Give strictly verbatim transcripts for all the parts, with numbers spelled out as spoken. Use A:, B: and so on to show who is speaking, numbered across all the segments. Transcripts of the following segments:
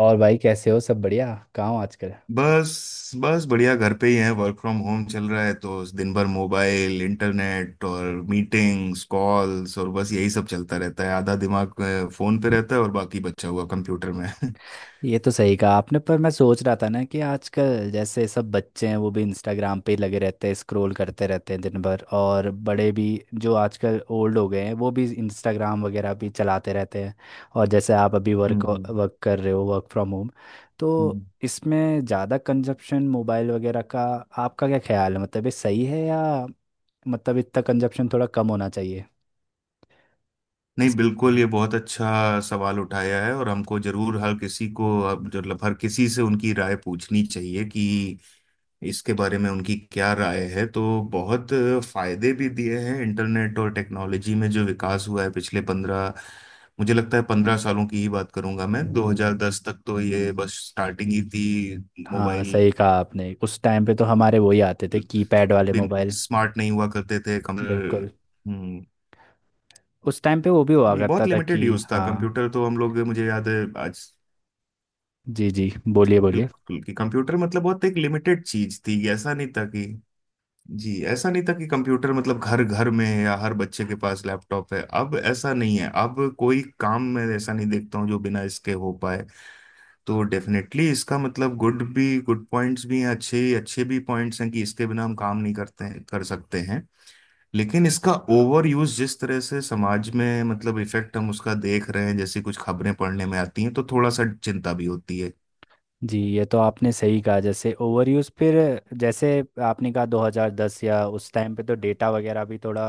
A: और भाई, कैसे हो? सब बढ़िया? कहाँ हो आजकल?
B: बस बस बढ़िया। घर पे ही है, वर्क फ्रॉम होम चल रहा है, तो दिन भर मोबाइल इंटरनेट और मीटिंग्स कॉल्स, और बस यही सब चलता रहता है। आधा दिमाग अ, फोन पे रहता है और बाकी बचा हुआ कंप्यूटर में। हम्म।
A: ये तो सही कहा आपने, पर मैं सोच रहा था ना कि आजकल जैसे सब बच्चे हैं वो भी इंस्टाग्राम पे ही लगे रहते हैं, स्क्रॉल करते रहते हैं दिन भर, और बड़े भी जो आजकल ओल्ड हो गए हैं वो भी इंस्टाग्राम वगैरह भी चलाते रहते हैं। और जैसे आप अभी वर्क
B: हम्म।
A: वर्क कर रहे हो, वर्क फ्रॉम होम, तो
B: हम्म।
A: इसमें ज़्यादा कंजप्शन मोबाइल वगैरह का आपका क्या ख्याल है? मतलब ये सही है, या मतलब इतना कंजप्शन थोड़ा कम होना चाहिए?
B: नहीं,
A: इस- पे?
B: बिल्कुल, ये बहुत अच्छा सवाल उठाया है, और हमको जरूर हर किसी को, अब मतलब हर किसी से उनकी राय पूछनी चाहिए कि इसके बारे में उनकी क्या राय है। तो बहुत फायदे भी दिए हैं इंटरनेट और टेक्नोलॉजी में, जो विकास हुआ है पिछले पंद्रह मुझे लगता है पंद्रह सालों की ही बात करूंगा। मैं दो हज़ार दस तक तो ये बस स्टार्टिंग ही थी
A: हाँ,
B: मोबाइल।
A: सही कहा आपने। उस टाइम पे तो हमारे वही आते थे, कीपैड वाले
B: बिन
A: मोबाइल।
B: स्मार्ट नहीं हुआ करते थे कंप्यूटर।
A: बिल्कुल।
B: हम्म।
A: उस टाइम पे वो भी हुआ
B: जी,
A: करता
B: बहुत
A: था कि
B: लिमिटेड यूज था
A: हाँ।
B: कंप्यूटर तो। हम लोग, मुझे याद है आज
A: जी जी, बोलिए बोलिए।
B: बिल्कुल, कि कंप्यूटर मतलब बहुत एक लिमिटेड चीज थी, ऐसा नहीं था कि। जी, ऐसा नहीं था कि कंप्यूटर मतलब घर घर में है या हर बच्चे के पास लैपटॉप है। अब ऐसा नहीं है, अब कोई काम मैं ऐसा नहीं देखता हूँ जो बिना इसके हो पाए। तो डेफिनेटली इसका मतलब गुड भी गुड पॉइंट्स भी हैं, अच्छे अच्छे भी पॉइंट्स हैं, कि इसके बिना हम काम नहीं करते हैं, कर सकते हैं। लेकिन इसका ओवर यूज जिस तरह से समाज में मतलब इफेक्ट हम उसका देख रहे हैं, जैसी कुछ खबरें पढ़ने में आती हैं, तो थोड़ा सा चिंता भी होती है।
A: जी, ये तो आपने सही कहा। जैसे ओवर यूज़ फिर, जैसे आपने कहा दो हज़ार दस या उस टाइम पे तो डेटा वगैरह भी थोड़ा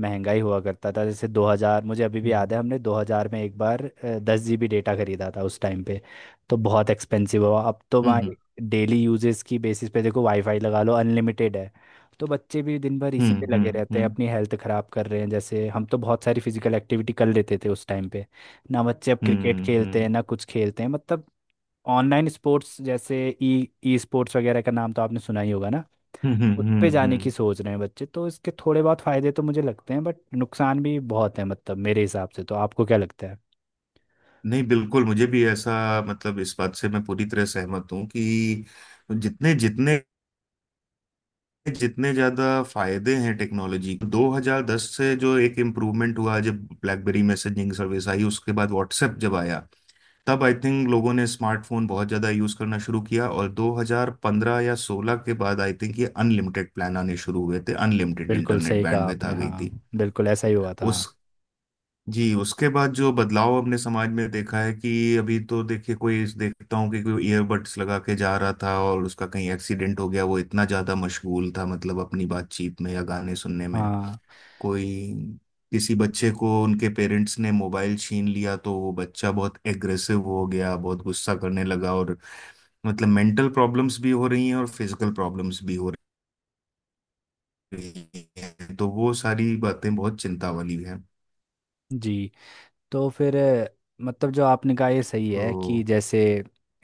A: महंगा ही हुआ करता था। जैसे दो हज़ार, मुझे अभी भी याद
B: हम्म।
A: है हमने दो हज़ार में एक बार दस जीबी डेटा खरीदा था उस टाइम पे। तो बहुत एक्सपेंसिव हुआ। अब तो
B: हम्म
A: भाई डेली यूजेस की बेसिस पे देखो, वाईफाई लगा लो, अनलिमिटेड है। तो बच्चे भी दिन भर इसी पे
B: हम्म
A: लगे
B: हम्म
A: रहते हैं,
B: हम्म
A: अपनी हेल्थ खराब कर रहे हैं। जैसे हम तो बहुत सारी फिजिकल एक्टिविटी कर लेते थे उस टाइम पे। ना बच्चे अब क्रिकेट
B: हम्म
A: खेलते हैं
B: हम्म
A: ना कुछ खेलते हैं, मतलब ऑनलाइन स्पोर्ट्स जैसे ई ई स्पोर्ट्स वगैरह का नाम तो आपने सुना ही होगा ना।
B: हम्म
A: उस
B: हम्म,
A: पे
B: हम्म।
A: जाने की
B: हम्म।
A: सोच रहे हैं बच्चे। तो इसके थोड़े बहुत फायदे तो मुझे लगते हैं, बट नुकसान भी बहुत है मतलब मेरे हिसाब से। तो आपको क्या लगता है?
B: नहीं, बिल्कुल मुझे भी ऐसा, मतलब इस बात से मैं पूरी तरह सहमत हूँ कि जितने जितने जितने ज्यादा फायदे हैं टेक्नोलॉजी दो हज़ार दस से जो एक इम्प्रूवमेंट हुआ, जब ब्लैकबेरी मैसेजिंग सर्विस आई, उसके बाद व्हाट्सएप जब आया, तब आई थिंक लोगों ने स्मार्टफोन बहुत ज्यादा यूज करना शुरू किया। और दो हज़ार पंद्रह या सोलह के बाद आई थिंक ये अनलिमिटेड प्लान आने शुरू हुए थे, अनलिमिटेड
A: बिल्कुल
B: इंटरनेट
A: सही कहा
B: बैंडविड्थ आ
A: आपने,
B: गई
A: हाँ।
B: थी।
A: बिल्कुल ऐसा ही हुआ था।
B: उस जी, उसके बाद जो बदलाव हमने समाज में देखा है कि, अभी तो देखिए, कोई देखता हूँ कि कोई ईयरबड्स लगा के जा रहा था और उसका कहीं एक्सीडेंट हो गया, वो इतना ज्यादा मशगूल था, मतलब अपनी बातचीत में या गाने सुनने में।
A: हाँ।
B: कोई किसी बच्चे को उनके पेरेंट्स ने मोबाइल छीन लिया तो वो बच्चा बहुत एग्रेसिव हो गया, बहुत गुस्सा करने लगा। और मतलब मेंटल प्रॉब्लम्स भी हो रही हैं, और फिजिकल प्रॉब्लम्स भी हो रही हैं, तो वो सारी बातें बहुत चिंता वाली हैं।
A: जी। तो फिर अ, मतलब जो आपने कहा ये सही है, कि
B: तो।
A: जैसे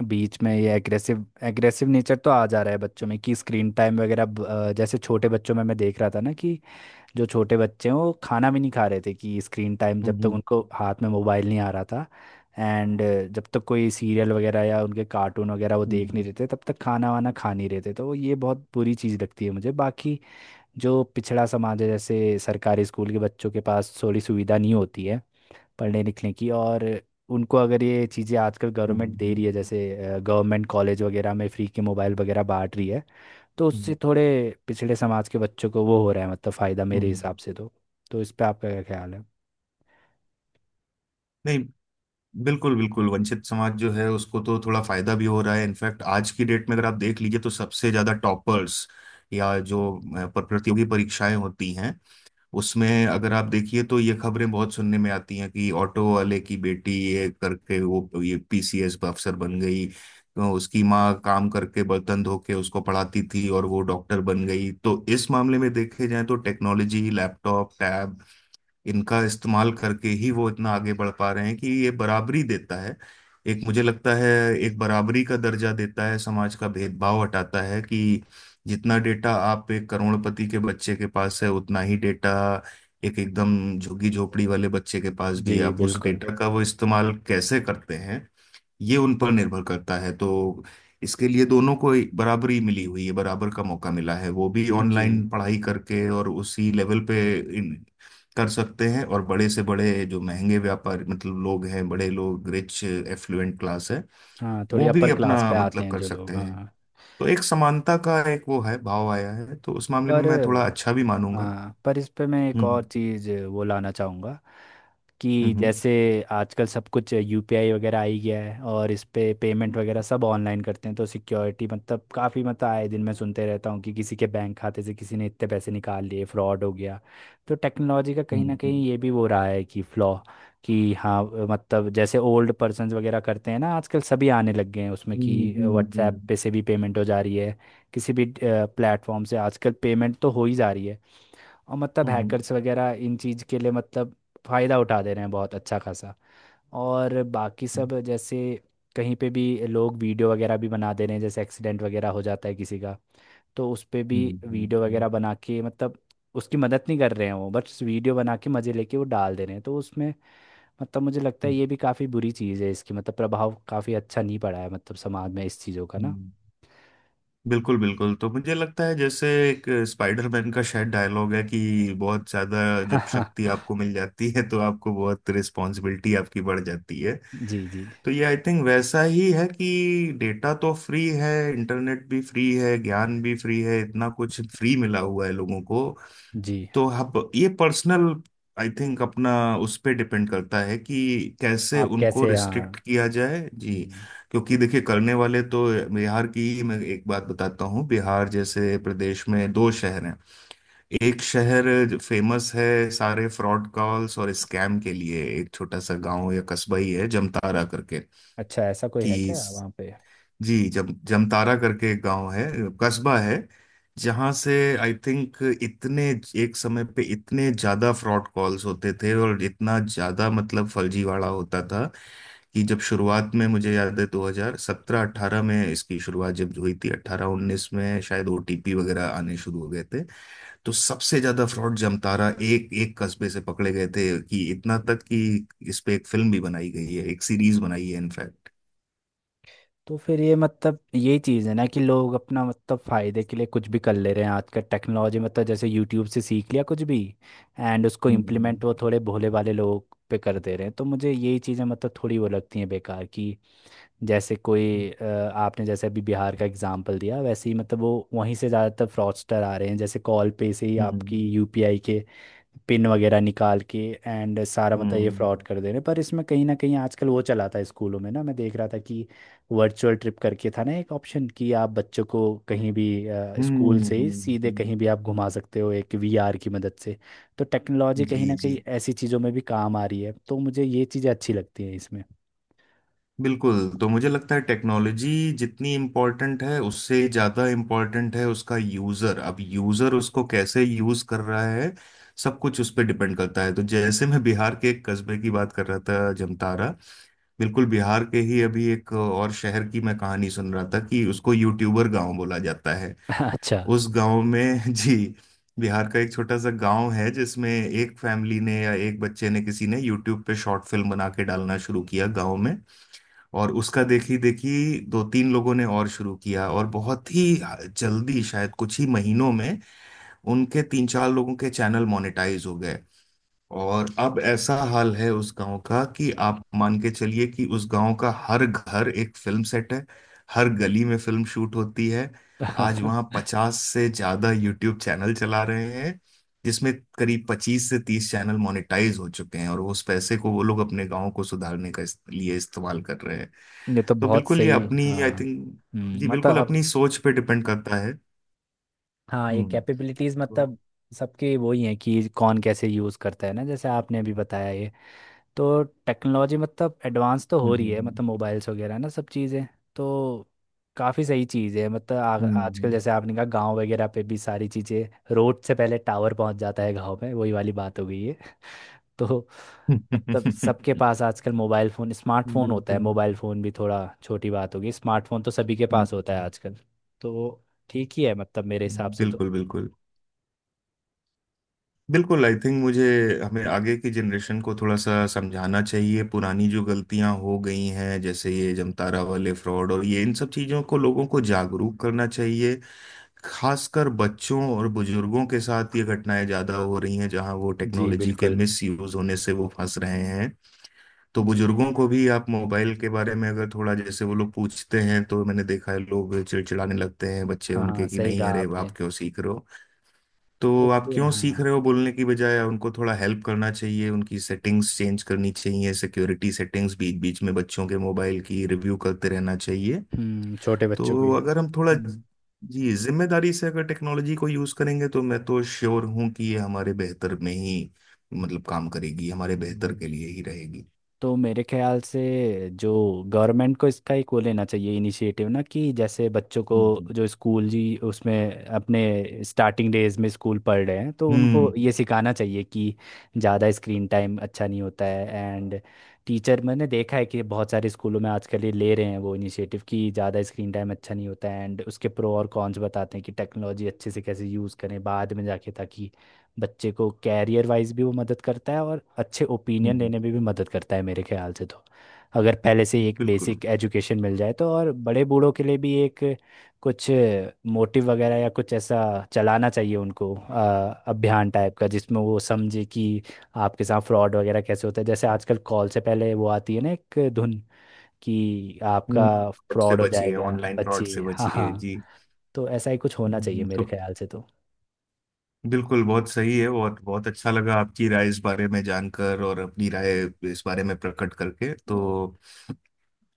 A: बीच में ये एग्रेसिव एग्रेसिव नेचर तो आ जा रहा है बच्चों में, कि स्क्रीन टाइम वगैरह ब- अ, जैसे छोटे बच्चों में मैं देख रहा था ना कि जो छोटे बच्चे हैं वो खाना भी नहीं खा रहे थे, कि स्क्रीन टाइम
B: हम्म
A: जब तक
B: हम्म
A: उनको हाथ में मोबाइल नहीं आ रहा था एंड जब तक कोई सीरियल वगैरह या उनके कार्टून वगैरह वो देख नहीं
B: हम्म,
A: रहे थे, तब तक खाना वाना खा नहीं रहे थे। तो ये बहुत बुरी चीज़ लगती है मुझे। बाकी जो पिछड़ा समाज है, जैसे सरकारी स्कूल के बच्चों के पास थोड़ी सुविधा नहीं होती है पढ़ने लिखने की, और उनको अगर ये चीज़ें आजकल गवर्नमेंट
B: हम्म,
A: दे रही
B: हम्म।
A: है, जैसे गवर्नमेंट कॉलेज वगैरह में फ्री के मोबाइल वगैरह बांट रही है, तो उससे
B: हम्म,
A: थोड़े पिछड़े समाज के बच्चों को वो हो रहा है मतलब फ़ायदा मेरे
B: हम्म।
A: हिसाब से तो। तो इस पे आपका क्या ख्याल है?
B: नहीं, बिल्कुल बिल्कुल, वंचित समाज जो है उसको तो थोड़ा फायदा भी हो रहा है। इनफैक्ट आज की डेट में अगर आप देख लीजिए तो सबसे ज्यादा टॉपर्स, या जो अ, प- प्रतियोगी परीक्षाएं होती हैं, उसमें अगर आप देखिए तो ये खबरें बहुत सुनने में आती हैं कि ऑटो वाले की बेटी ये करके वो ये पीसीएस अफसर बन गई, तो उसकी माँ काम करके बर्तन धो के उसको पढ़ाती थी और वो डॉक्टर बन गई। तो इस मामले में देखे जाए तो टेक्नोलॉजी, लैपटॉप, टैब, इनका इस्तेमाल करके ही वो इतना आगे बढ़ पा रहे हैं, कि ये बराबरी देता है। एक मुझे लगता है एक बराबरी का दर्जा देता है, समाज का भेदभाव हटाता है, कि जितना डेटा आप एक करोड़पति के बच्चे के पास है, उतना ही डेटा एक एकदम झुग्गी झोपड़ी वाले बच्चे के पास
A: जी
B: भी है। अब उस
A: बिल्कुल।
B: डेटा का वो इस्तेमाल कैसे करते हैं, ये उन पर निर्भर करता है। तो इसके लिए दोनों को बराबरी मिली हुई है, बराबर का मौका मिला है, वो भी
A: जी।
B: ऑनलाइन पढ़ाई करके और उसी लेवल पे इन, कर सकते हैं। और बड़े से बड़े जो महंगे व्यापार मतलब लोग हैं, बड़े लोग, रिच एफ्लुएंट क्लास है,
A: हाँ, थोड़ी
B: वो भी
A: अपर क्लास
B: अपना
A: पे आते
B: मतलब
A: हैं
B: कर
A: जो
B: सकते
A: लोग,
B: हैं।
A: हाँ।
B: तो एक समानता का एक वो है, भाव आया है, तो उस मामले में
A: पर
B: मैं थोड़ा अच्छा भी मानूंगा।
A: हाँ, पर इस पे मैं एक और
B: हम्म
A: चीज़ वो लाना चाहूँगा, कि
B: हम्म
A: जैसे आजकल सब कुछ यूपीआई वगैरह आ ही गया है और इस पे पेमेंट वगैरह सब ऑनलाइन करते हैं, तो सिक्योरिटी मतलब काफ़ी मतलब आए दिन मैं सुनते रहता हूँ कि किसी के बैंक खाते से किसी ने इतने पैसे निकाल लिए, फ्रॉड हो गया। तो टेक्नोलॉजी का कहीं ना
B: हम्म
A: कहीं ये भी वो रहा है कि फ्लॉ। कि हाँ, मतलब जैसे ओल्ड पर्सन वगैरह करते हैं ना, आजकल सभी आने लग गए हैं उसमें, कि
B: हम्म हम्म
A: व्हाट्सएप
B: हम्म
A: पे से भी पेमेंट हो जा रही है, किसी भी प्लेटफॉर्म से आजकल पेमेंट तो हो ही जा रही है। और मतलब
B: हम्म
A: hackers वगैरह इन चीज़ के लिए मतलब फ़ायदा उठा दे रहे हैं बहुत अच्छा खासा। और बाकी सब जैसे कहीं पे भी लोग वीडियो वगैरह भी बना दे रहे हैं, जैसे एक्सीडेंट वगैरह हो जाता है किसी का तो उस पे भी
B: हम्म
A: वीडियो
B: हम्म
A: वगैरह बना के मतलब उसकी मदद नहीं कर रहे हैं, वो बस वीडियो बना के मज़े लेके वो डाल दे रहे हैं। तो उसमें मतलब मुझे लगता है ये भी काफ़ी बुरी चीज़ है, इसकी मतलब प्रभाव काफ़ी अच्छा नहीं पड़ा है मतलब समाज में इस चीज़ों का ना।
B: हम्म। बिल्कुल बिल्कुल, तो मुझे लगता है जैसे एक स्पाइडरमैन का शायद डायलॉग है कि बहुत ज्यादा
A: हाँ
B: जब शक्ति
A: हाँ।
B: आपको मिल जाती है तो आपको बहुत रिस्पॉन्सिबिलिटी, आपकी बढ़ जाती है।
A: जी जी।
B: तो ये आई थिंक वैसा ही है कि डेटा तो फ्री है, इंटरनेट भी फ्री है, ज्ञान भी फ्री है, इतना कुछ फ्री मिला हुआ है लोगों को।
A: जी।
B: तो अब ये पर्सनल, आई थिंक अपना, उस पे डिपेंड करता है कि कैसे
A: आप
B: उनको
A: कैसे, हाँ।
B: रिस्ट्रिक्ट किया जाए। जी,
A: हम्म,
B: क्योंकि देखिए करने वाले तो, बिहार की ही मैं एक बात बताता हूँ। बिहार जैसे प्रदेश में दो शहर हैं, एक शहर फेमस है सारे फ्रॉड कॉल्स और स्कैम के लिए, एक छोटा सा गांव या कस्बा ही है, जमतारा करके।
A: अच्छा, ऐसा कोई है
B: कि
A: क्या वहाँ पे?
B: जी, जम जमतारा करके एक गांव है, कस्बा है, जहां से आई थिंक इतने एक समय पे इतने ज्यादा फ्रॉड कॉल्स होते थे, और इतना ज्यादा मतलब फर्जीवाड़ा होता था, कि जब शुरुआत में मुझे याद है दो हज़ार सत्रह अठारह में इसकी शुरुआत जब हुई थी, अठारह उन्नीस में शायद ओटीपी वगैरह आने शुरू हो गए थे, तो सबसे ज्यादा फ्रॉड जमतारा, एक एक कस्बे से पकड़े गए थे, कि इतना तक कि इस पे एक फिल्म भी बनाई गई है, एक सीरीज बनाई है इनफैक्ट।
A: तो फिर ये मतलब यही चीज़ है ना, कि लोग अपना मतलब फ़ायदे के लिए कुछ भी कर ले रहे हैं आजकल, टेक्नोलॉजी मतलब जैसे यूट्यूब से सीख लिया कुछ भी एंड उसको
B: हम्म
A: इम्प्लीमेंट वो थोड़े भोले वाले लोग पे कर दे रहे हैं। तो मुझे यही चीज़ें मतलब थोड़ी वो लगती हैं बेकार की। जैसे कोई अ, आपने जैसे अभी बिहार का एग्जांपल दिया, वैसे ही मतलब वो वहीं से ज़्यादातर फ्रॉडस्टर आ रहे हैं, जैसे कॉल पे से ही
B: हम्म हम्म।
A: आपकी यूपीआई के पिन वगैरह निकाल के एंड सारा मतलब ये
B: हम्म
A: फ्रॉड कर दे रहे हैं। पर इसमें कहीं ना कहीं आजकल वो चला था स्कूलों में ना, मैं देख रहा था कि वर्चुअल ट्रिप करके था ना एक ऑप्शन, कि आप बच्चों को कहीं भी
B: हम्म
A: स्कूल
B: हम्म,
A: से ही
B: हम्म,
A: सीधे
B: हम्म।
A: कहीं भी आप घुमा सकते हो एक वीआर की मदद से। तो टेक्नोलॉजी कहीं
B: जी
A: ना कहीं
B: जी,
A: ऐसी चीज़ों में भी काम आ रही है, तो मुझे ये चीज़ें अच्छी लगती हैं इसमें।
B: बिल्कुल, तो मुझे लगता है टेक्नोलॉजी जितनी इम्पोर्टेंट है, उससे ज़्यादा इम्पोर्टेंट है उसका यूज़र। अब यूज़र उसको कैसे यूज़ कर रहा है, सब कुछ उस पर डिपेंड करता है। तो जैसे मैं बिहार के एक कस्बे की बात कर रहा था, जमतारा। बिल्कुल, बिहार के ही अभी एक और शहर की मैं कहानी सुन रहा था, कि उसको यूट्यूबर गांव बोला जाता है।
A: अच्छा।
B: उस गांव में जी, बिहार का एक छोटा सा गांव है जिसमें एक फैमिली ने, या एक बच्चे ने, किसी ने यूट्यूब पे शॉर्ट फिल्म बना के डालना शुरू किया गांव में, और उसका देखी देखी दो तीन लोगों ने और शुरू किया। और बहुत ही जल्दी शायद कुछ ही महीनों में उनके तीन चार लोगों के चैनल मोनेटाइज हो गए, और अब ऐसा हाल है उस गांव का, कि आप मान के चलिए कि उस गांव का हर घर एक फिल्म सेट है, हर गली में फिल्म शूट होती है। आज वहां पचास से ज्यादा यूट्यूब चैनल चला रहे हैं, जिसमें करीब पच्चीस से तीस चैनल मोनेटाइज हो चुके हैं, और उस पैसे को वो लोग अपने गांव को सुधारने का इस, लिए इस्तेमाल कर रहे हैं।
A: ये तो
B: तो
A: बहुत
B: बिल्कुल ये
A: सही,
B: अपनी
A: हाँ।
B: आई थिंक, जी
A: हम्म, मतलब
B: बिल्कुल
A: अब
B: अपनी सोच पे डिपेंड करता है।
A: हाँ, ये
B: हम्म।
A: कैपेबिलिटीज़
B: तो-
A: मतलब सबके वही हैं, कि कौन कैसे यूज़ करता है ना, जैसे आपने अभी बताया ये। तो टेक्नोलॉजी मतलब एडवांस तो हो रही है,
B: हम्म
A: मतलब मोबाइल्स वगैरह ना सब चीज़ें। तो काफ़ी सही चीज़ है मतलब आ,
B: हम्म
A: आजकल
B: हम्म
A: जैसे आपने कहा गांव वगैरह पे भी सारी चीज़ें, रोड से पहले टावर पहुंच जाता है गांव में, वही वाली बात हो गई है। तो मतलब सबके
B: हम्म,
A: पास आजकल मोबाइल फ़ोन स्मार्टफोन होता है,
B: बिल्कुल
A: मोबाइल फ़ोन भी थोड़ा छोटी बात होगी, स्मार्टफोन तो सभी के पास होता है आजकल। तो ठीक ही है मतलब मेरे हिसाब से तो।
B: बिल्कुल। बिल्कुल बिल्कुल आई थिंक मुझे, हमें आगे की जनरेशन को थोड़ा सा समझाना चाहिए पुरानी जो गलतियां हो गई हैं, जैसे ये जमतारा वाले फ्रॉड, और ये इन सब चीजों को लोगों को जागरूक करना चाहिए। खासकर बच्चों और बुजुर्गों के साथ ये घटनाएं ज्यादा हो रही हैं, जहां वो
A: जी
B: टेक्नोलॉजी के
A: बिल्कुल।
B: मिस यूज होने से वो फंस रहे हैं। तो
A: जी।
B: बुजुर्गों को भी आप मोबाइल के बारे में अगर थोड़ा, जैसे वो लोग पूछते हैं तो मैंने देखा है लोग चिड़चिड़ाने लगते हैं, बच्चे
A: हाँ
B: उनके,
A: हाँ,
B: कि
A: सही
B: नहीं
A: कहा
B: अरे आप
A: आपने।
B: क्यों सीख रहे हो।
A: तो
B: तो आप
A: फिर
B: क्यों सीख
A: हाँ।
B: रहे हो बोलने की बजाय उनको थोड़ा हेल्प करना चाहिए, उनकी सेटिंग्स चेंज करनी चाहिए, सिक्योरिटी सेटिंग्स, बीच बीच में बच्चों के मोबाइल की रिव्यू करते रहना चाहिए।
A: हम्म, छोटे बच्चों की।
B: तो अगर हम थोड़ा,
A: हम्म।
B: जी, जिम्मेदारी से अगर टेक्नोलॉजी को यूज करेंगे तो मैं तो श्योर हूं कि ये हमारे बेहतर में ही, मतलब काम करेगी, हमारे बेहतर
A: हम्म।
B: के लिए ही रहेगी।
A: तो मेरे ख्याल से जो गवर्नमेंट को इसका एक वो लेना चाहिए इनिशिएटिव ना, कि जैसे बच्चों को
B: हम्म
A: जो स्कूल जी उसमें अपने स्टार्टिंग डेज में स्कूल पढ़ रहे हैं तो उनको
B: हम्म
A: ये सिखाना चाहिए कि ज़्यादा स्क्रीन टाइम अच्छा नहीं होता है। एंड टीचर, मैंने देखा है कि बहुत सारे स्कूलों में आजकल ये ले रहे हैं वो इनिशिएटिव, कि ज़्यादा स्क्रीन टाइम अच्छा नहीं होता है एंड उसके प्रो और कॉन्स बताते हैं कि टेक्नोलॉजी अच्छे से कैसे यूज़ करें बाद में जाके, ताकि बच्चे को कैरियर वाइज भी वो मदद करता है और अच्छे ओपिनियन
B: हम्म,
A: लेने में भी मदद करता है मेरे ख्याल से तो, अगर पहले से ही एक
B: बिल्कुल,
A: बेसिक एजुकेशन मिल जाए तो। और बड़े बूढ़ों के लिए भी एक कुछ मोटिव वगैरह या कुछ ऐसा चलाना चाहिए उनको, अ, अभियान टाइप का, जिसमें वो समझे कि आपके साथ फ्रॉड वगैरह कैसे होता है, जैसे आजकल कॉल से पहले वो आती है ना एक धुन कि आपका हाँ
B: फ्रॉड से
A: फ्रॉड हो
B: बचिए,
A: जाएगा।
B: ऑनलाइन
A: बच्चे,
B: फ्रॉड से
A: हाँ
B: बचिए।
A: हाँ,
B: जी।
A: तो ऐसा ही कुछ होना चाहिए
B: हम्म,
A: मेरे
B: तो
A: ख्याल से तो।
B: बिल्कुल बहुत सही है, और बहुत अच्छा लगा आपकी राय इस बारे में जानकर, और अपनी राय इस बारे में प्रकट करके। तो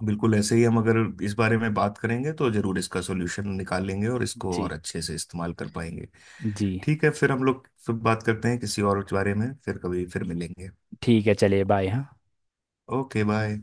B: बिल्कुल ऐसे ही हम अगर इस बारे में बात करेंगे तो जरूर इसका सॉल्यूशन निकाल लेंगे, और इसको और
A: जी
B: अच्छे से इस्तेमाल कर पाएंगे।
A: जी।
B: ठीक है, फिर हम लोग फिर बात करते हैं किसी और बारे में, फिर कभी फिर मिलेंगे।
A: ठीक है, चलिए, बाय, हाँ।
B: Okay bye.